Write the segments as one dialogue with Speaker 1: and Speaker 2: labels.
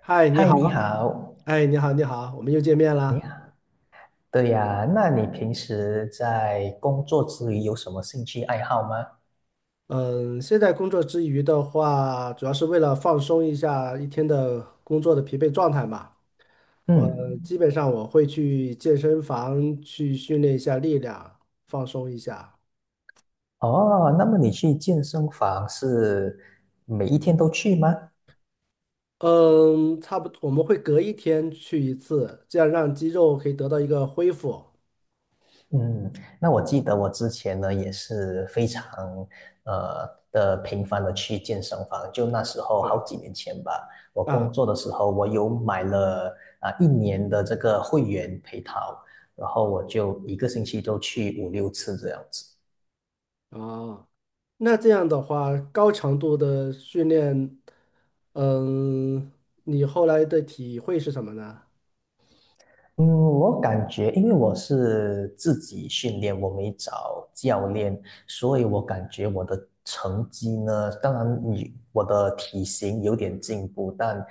Speaker 1: 嗨，你
Speaker 2: 嗨，
Speaker 1: 好。
Speaker 2: 你好，
Speaker 1: 哎，你好，你好，我们又见面
Speaker 2: 你
Speaker 1: 啦。
Speaker 2: 好。对呀，那你平时在工作之余有什么兴趣爱好吗？
Speaker 1: 嗯，现在工作之余的话，主要是为了放松一下一天的工作的疲惫状态嘛。我基
Speaker 2: 嗯，
Speaker 1: 本上我会去健身房去训练一下力量，放松一下。
Speaker 2: 哦，那么你去健身房是每一天都去吗？
Speaker 1: 嗯，差不多，我们会隔一天去一次，这样让肌肉可以得到一个恢复。
Speaker 2: 嗯，那我记得我之前呢也是非常的频繁的去健身房，就那时候
Speaker 1: 对。
Speaker 2: 好几年前吧，我工
Speaker 1: 啊。
Speaker 2: 作的时候我有买了啊、一年的这个会员配套，然后我就一个星期都去五六次这样子。
Speaker 1: 啊，那这样的话，高强度的训练，嗯，你后来的体会是什么呢？
Speaker 2: 嗯，我感觉，因为我是自己训练，我没找教练，所以我感觉我的成绩呢，当然你我的体型有点进步，但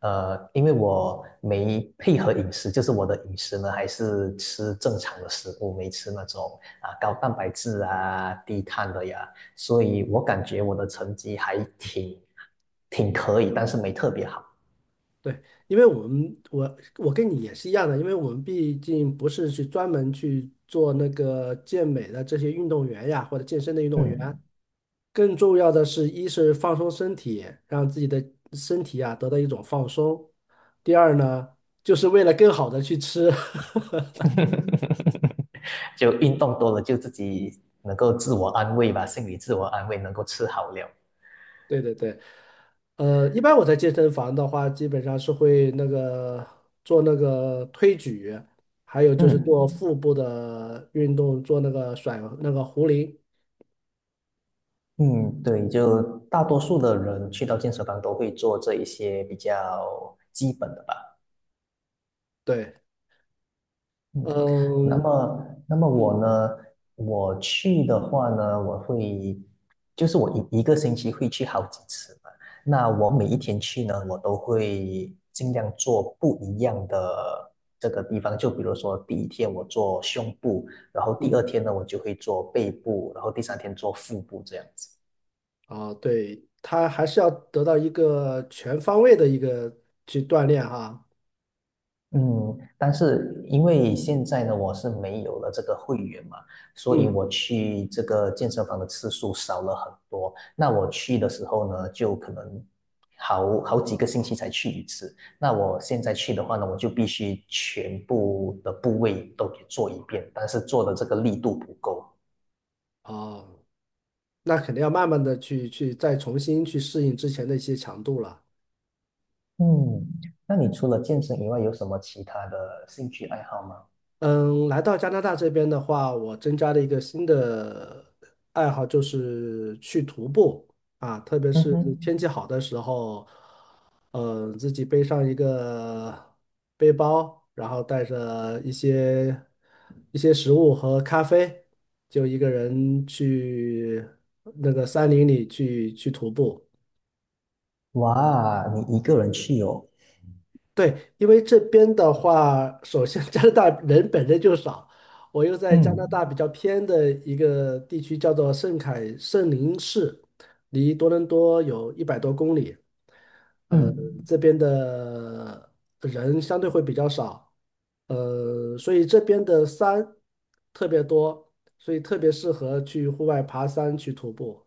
Speaker 2: 因为我没配合饮食，就是我的饮食呢还是吃正常的食物，没吃那种啊高蛋白质啊、低碳的呀，所以我感觉我的成绩还挺可以，但是没特别好。
Speaker 1: 对，因为我们我我跟你也是一样的，因为我们毕竟不是去专门去做那个健美的这些运动员呀，或者健身的运动员，
Speaker 2: 嗯。
Speaker 1: 更重要的是，一是放松身体，让自己的身体啊得到一种放松；第二呢，就是为了更好的去吃。
Speaker 2: 就运动多了，就自己能够自我安慰吧，心理自我安慰，能够吃好了。
Speaker 1: 对对对，一般我在健身房的话，基本上是会那个做那个推举，还有就是做
Speaker 2: 嗯
Speaker 1: 腹部的运动，做那个甩那个壶铃。
Speaker 2: 嗯，对，就大多数的人去到健身房都会做这一些比较基本的吧。
Speaker 1: 对。
Speaker 2: 嗯，那
Speaker 1: 嗯
Speaker 2: 么，那么
Speaker 1: 嗯
Speaker 2: 我呢？我去的话呢，我会，就是我一个星期会去好几次嘛。那我每一天去呢，我都会尽量做不一样的这个地方。就比如说，第一天我做胸部，然后第二
Speaker 1: 嗯。
Speaker 2: 天呢，我就会做背部，然后第三天做腹部这样子。
Speaker 1: 啊，对，他还是要得到一个全方位的一个去锻炼哈。
Speaker 2: 嗯，但是因为现在呢，我是没有了这个会员嘛，所以
Speaker 1: 嗯。
Speaker 2: 我去这个健身房的次数少了很多。那我去的时候呢，就可能好几个星期才去一次。那我现在去的话呢，我就必须全部的部位都给做一遍，但是做的这个力度不够。
Speaker 1: 哦，那肯定要慢慢的去再重新去适应之前的一些强度了。
Speaker 2: 嗯，那你除了健身以外，有什么其他的兴趣爱好吗？
Speaker 1: 嗯，来到加拿大这边的话，我增加了一个新的爱好，就是去徒步啊。特别
Speaker 2: 嗯
Speaker 1: 是天气
Speaker 2: 哼，
Speaker 1: 好的时候，自己背上一个背包，然后带着一些食物和咖啡，就一个人去那个山林里去徒步。
Speaker 2: 哇，你一个人去哦。
Speaker 1: 对，因为这边的话，首先加拿大人本身就少，我又在加拿大
Speaker 2: 嗯
Speaker 1: 比较偏的一个地区，叫做圣凯圣林市，离多伦多有100多公里。呃，
Speaker 2: 嗯。
Speaker 1: 这边的人相对会比较少。所以这边的山特别多，所以特别适合去户外爬山去徒步。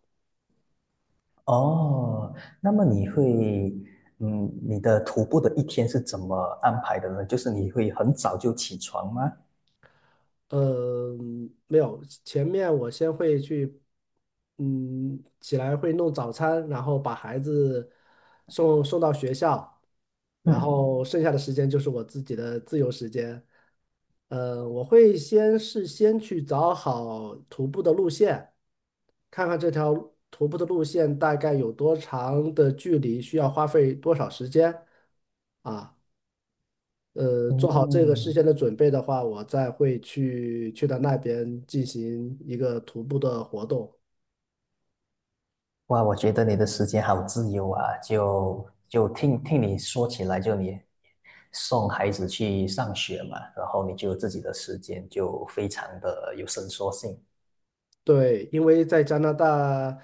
Speaker 2: 哦，那么你会，嗯，你的徒步的一天是怎么安排的呢？就是你会很早就起床吗？
Speaker 1: 呃，没有，前面我先会去，起来会弄早餐，然后把孩子送到学校，然后
Speaker 2: 嗯
Speaker 1: 剩下的时间就是我自己的自由时间。我会先事先去找好徒步的路线，看看这条徒步的路线大概有多长的距离，需要花费多少时间啊。做好这个事
Speaker 2: 嗯，
Speaker 1: 先的准备的话，我再会去到那边进行一个徒步的活动。
Speaker 2: 哇，我觉得你的时间好自由啊！就听听你说起来，就你送孩子去上学嘛，然后你就有自己的时间，就非常的有伸缩性。
Speaker 1: 对，因为在加拿大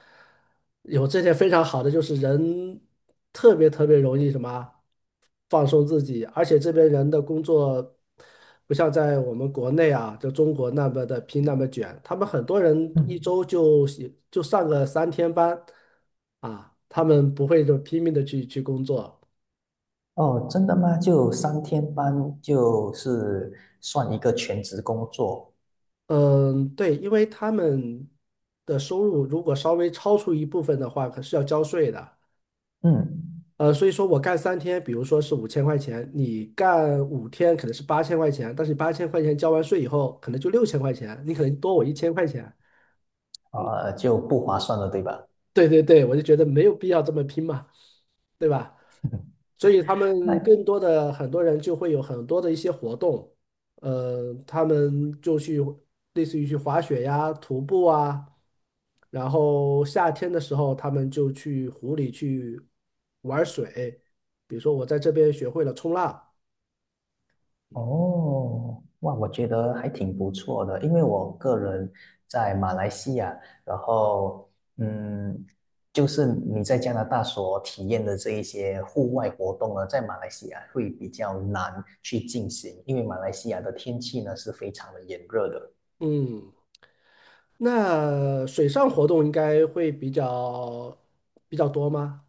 Speaker 1: 有这些非常好的，就是人特别特别容易什么放松自己，而且这边人的工作不像在我们国内啊，就中国那么的拼那么卷，他们很多人一
Speaker 2: 嗯，
Speaker 1: 周就上个三天班啊，他们不会就拼命的去工作。
Speaker 2: 哦，真的吗？就三天班就是算一个全职工作。
Speaker 1: 嗯，对，因为他们的收入如果稍微超出一部分的话，可是要交税的。
Speaker 2: 嗯。
Speaker 1: 所以说我干三天，比如说是5000块钱，你干5天可能是八千块钱，但是你八千块钱交完税以后，可能就6000块钱，你可能多我1000块钱。
Speaker 2: 啊，就不划算了，对吧？
Speaker 1: 对对对，我就觉得没有必要这么拼嘛，对吧？所以他
Speaker 2: 那
Speaker 1: 们更多的很多人就会有很多的一些活动，他们就去类似于去滑雪呀、徒步啊，然后夏天的时候他们就去湖里去玩水，比如说我在这边学会了冲浪。
Speaker 2: 哦，哇，我觉得还挺不错的，因为我个人在马来西亚，然后嗯，就是你在加拿大所体验的这一些户外活动呢，在马来西亚会比较难去进行，因为马来西亚的天气呢是非常的炎热的。
Speaker 1: 嗯，那水上活动应该会比较多吗？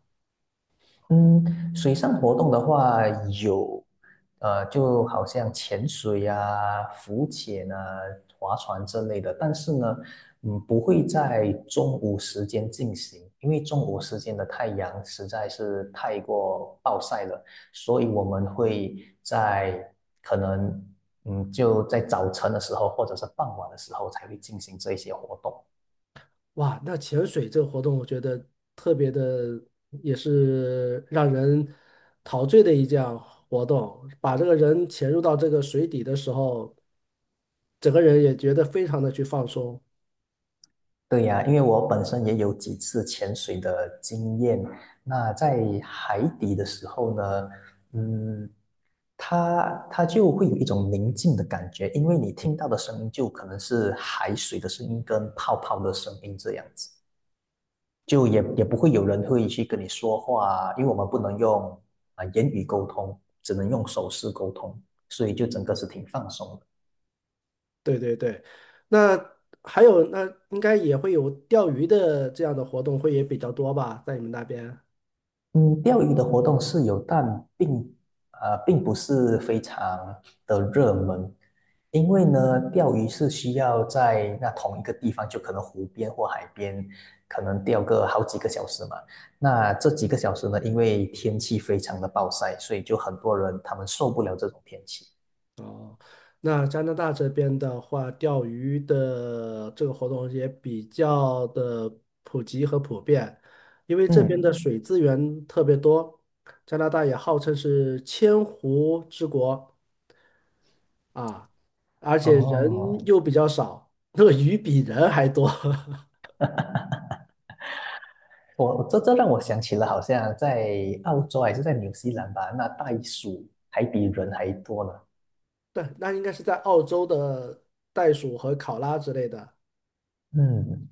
Speaker 2: 嗯，水上活动的话有，就好像潜水啊、浮潜啊、划船之类的，但是呢，嗯，不会在中午时间进行，因为中午时间的太阳实在是太过暴晒了，所以我们会在可能，嗯，就在早晨的时候或者是傍晚的时候才会进行这一些活动。
Speaker 1: 哇，那潜水这个活动，我觉得特别的，也是让人陶醉的一项活动。把这个人潜入到这个水底的时候，整个人也觉得非常的去放松。
Speaker 2: 对呀，因为我本身也有几次潜水的经验。那在海底的时候呢，嗯，它就会有一种宁静的感觉，因为你听到的声音就可能是海水的声音跟泡泡的声音这样子，就也不会有人会去跟你说话，因为我们不能用啊、言语沟通，只能用手势沟通，所以就整个是挺放松的。
Speaker 1: 对对对，那还有那应该也会有钓鱼的这样的活动，会也比较多吧，在你们那边？
Speaker 2: 嗯，钓鱼的活动是有，但并并不是非常的热门，因为呢，钓鱼是需要在那同一个地方，就可能湖边或海边，可能钓个好几个小时嘛。那这几个小时呢，因为天气非常的暴晒，所以就很多人他们受不了这种天气。
Speaker 1: 哦，那加拿大这边的话，钓鱼的这个活动也比较的普及和普遍，因为这边的
Speaker 2: 嗯，
Speaker 1: 水资源特别多，加拿大也号称是千湖之国啊，而且人
Speaker 2: 哦，
Speaker 1: 又比较少，那个鱼比人还多。
Speaker 2: 我这让我想起了，好像在澳洲还是在纽西兰吧，那袋鼠还比人还多呢。
Speaker 1: 对，那应该是在澳洲的袋鼠和考拉之类的。
Speaker 2: 嗯。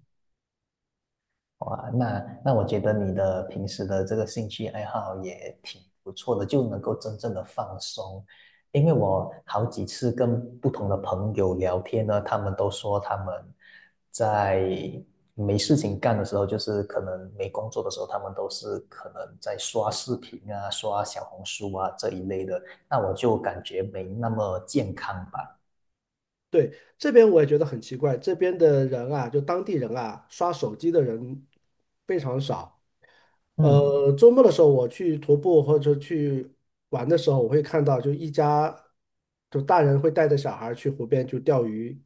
Speaker 2: 哇，那我觉得你的平时的这个兴趣爱好也挺不错的，就能够真正的放松。因为我好几次跟不同的朋友聊天呢，他们都说他们在没事情干的时候，就是可能没工作的时候，他们都是可能在刷视频啊、刷小红书啊这一类的。那我就感觉没那么健康吧。
Speaker 1: 对，这边我也觉得很奇怪，这边的人啊，就当地人啊，刷手机的人非常少。
Speaker 2: 嗯
Speaker 1: 周末的时候我去徒步或者去玩的时候，我会看到就一家就大人会带着小孩儿去湖边去钓鱼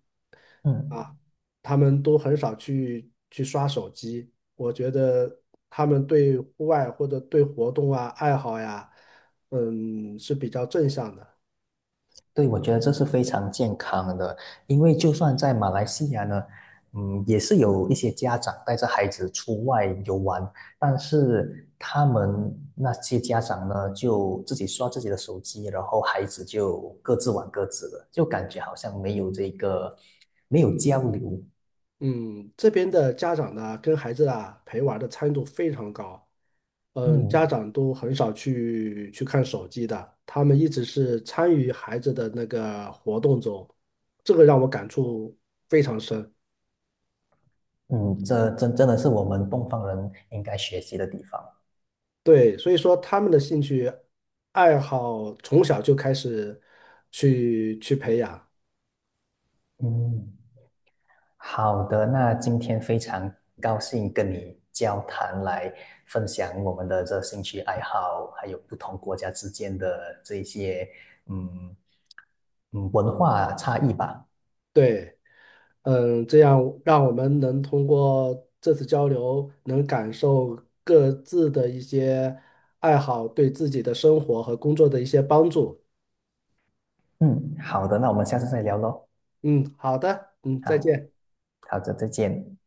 Speaker 1: 啊，
Speaker 2: 嗯。
Speaker 1: 他们都很少去刷手机。我觉得他们对户外或者对活动啊爱好呀，是比较正向的。
Speaker 2: 对，我觉得这是非常健康的，因为就算在马来西亚呢，嗯，也是有一些家长带着孩子出外游玩，但是他们那些家长呢，就自己刷自己的手机，然后孩子就各自玩各自的，就感觉好像没有这个，没有交流。
Speaker 1: 嗯，这边的家长呢，跟孩子啊陪玩儿的参与度非常高。嗯，家
Speaker 2: 嗯
Speaker 1: 长都很少去看手机的，他们一直是参与孩子的那个活动中，这个让我感触非常深。
Speaker 2: 嗯，这真的是我们东方人应该学习的地方。
Speaker 1: 对，所以说他们的兴趣爱好从小就开始去培养。
Speaker 2: 嗯。好的，那今天非常高兴跟你交谈，来分享我们的这兴趣爱好，还有不同国家之间的这些嗯文化差异吧。
Speaker 1: 对。嗯，这样让我们能通过这次交流，能感受各自的一些爱好对自己的生活和工作的一些帮助。
Speaker 2: 嗯，好的，那我们下次再聊喽。
Speaker 1: 嗯，好的。嗯，再
Speaker 2: 好，
Speaker 1: 见。
Speaker 2: 好的，再见。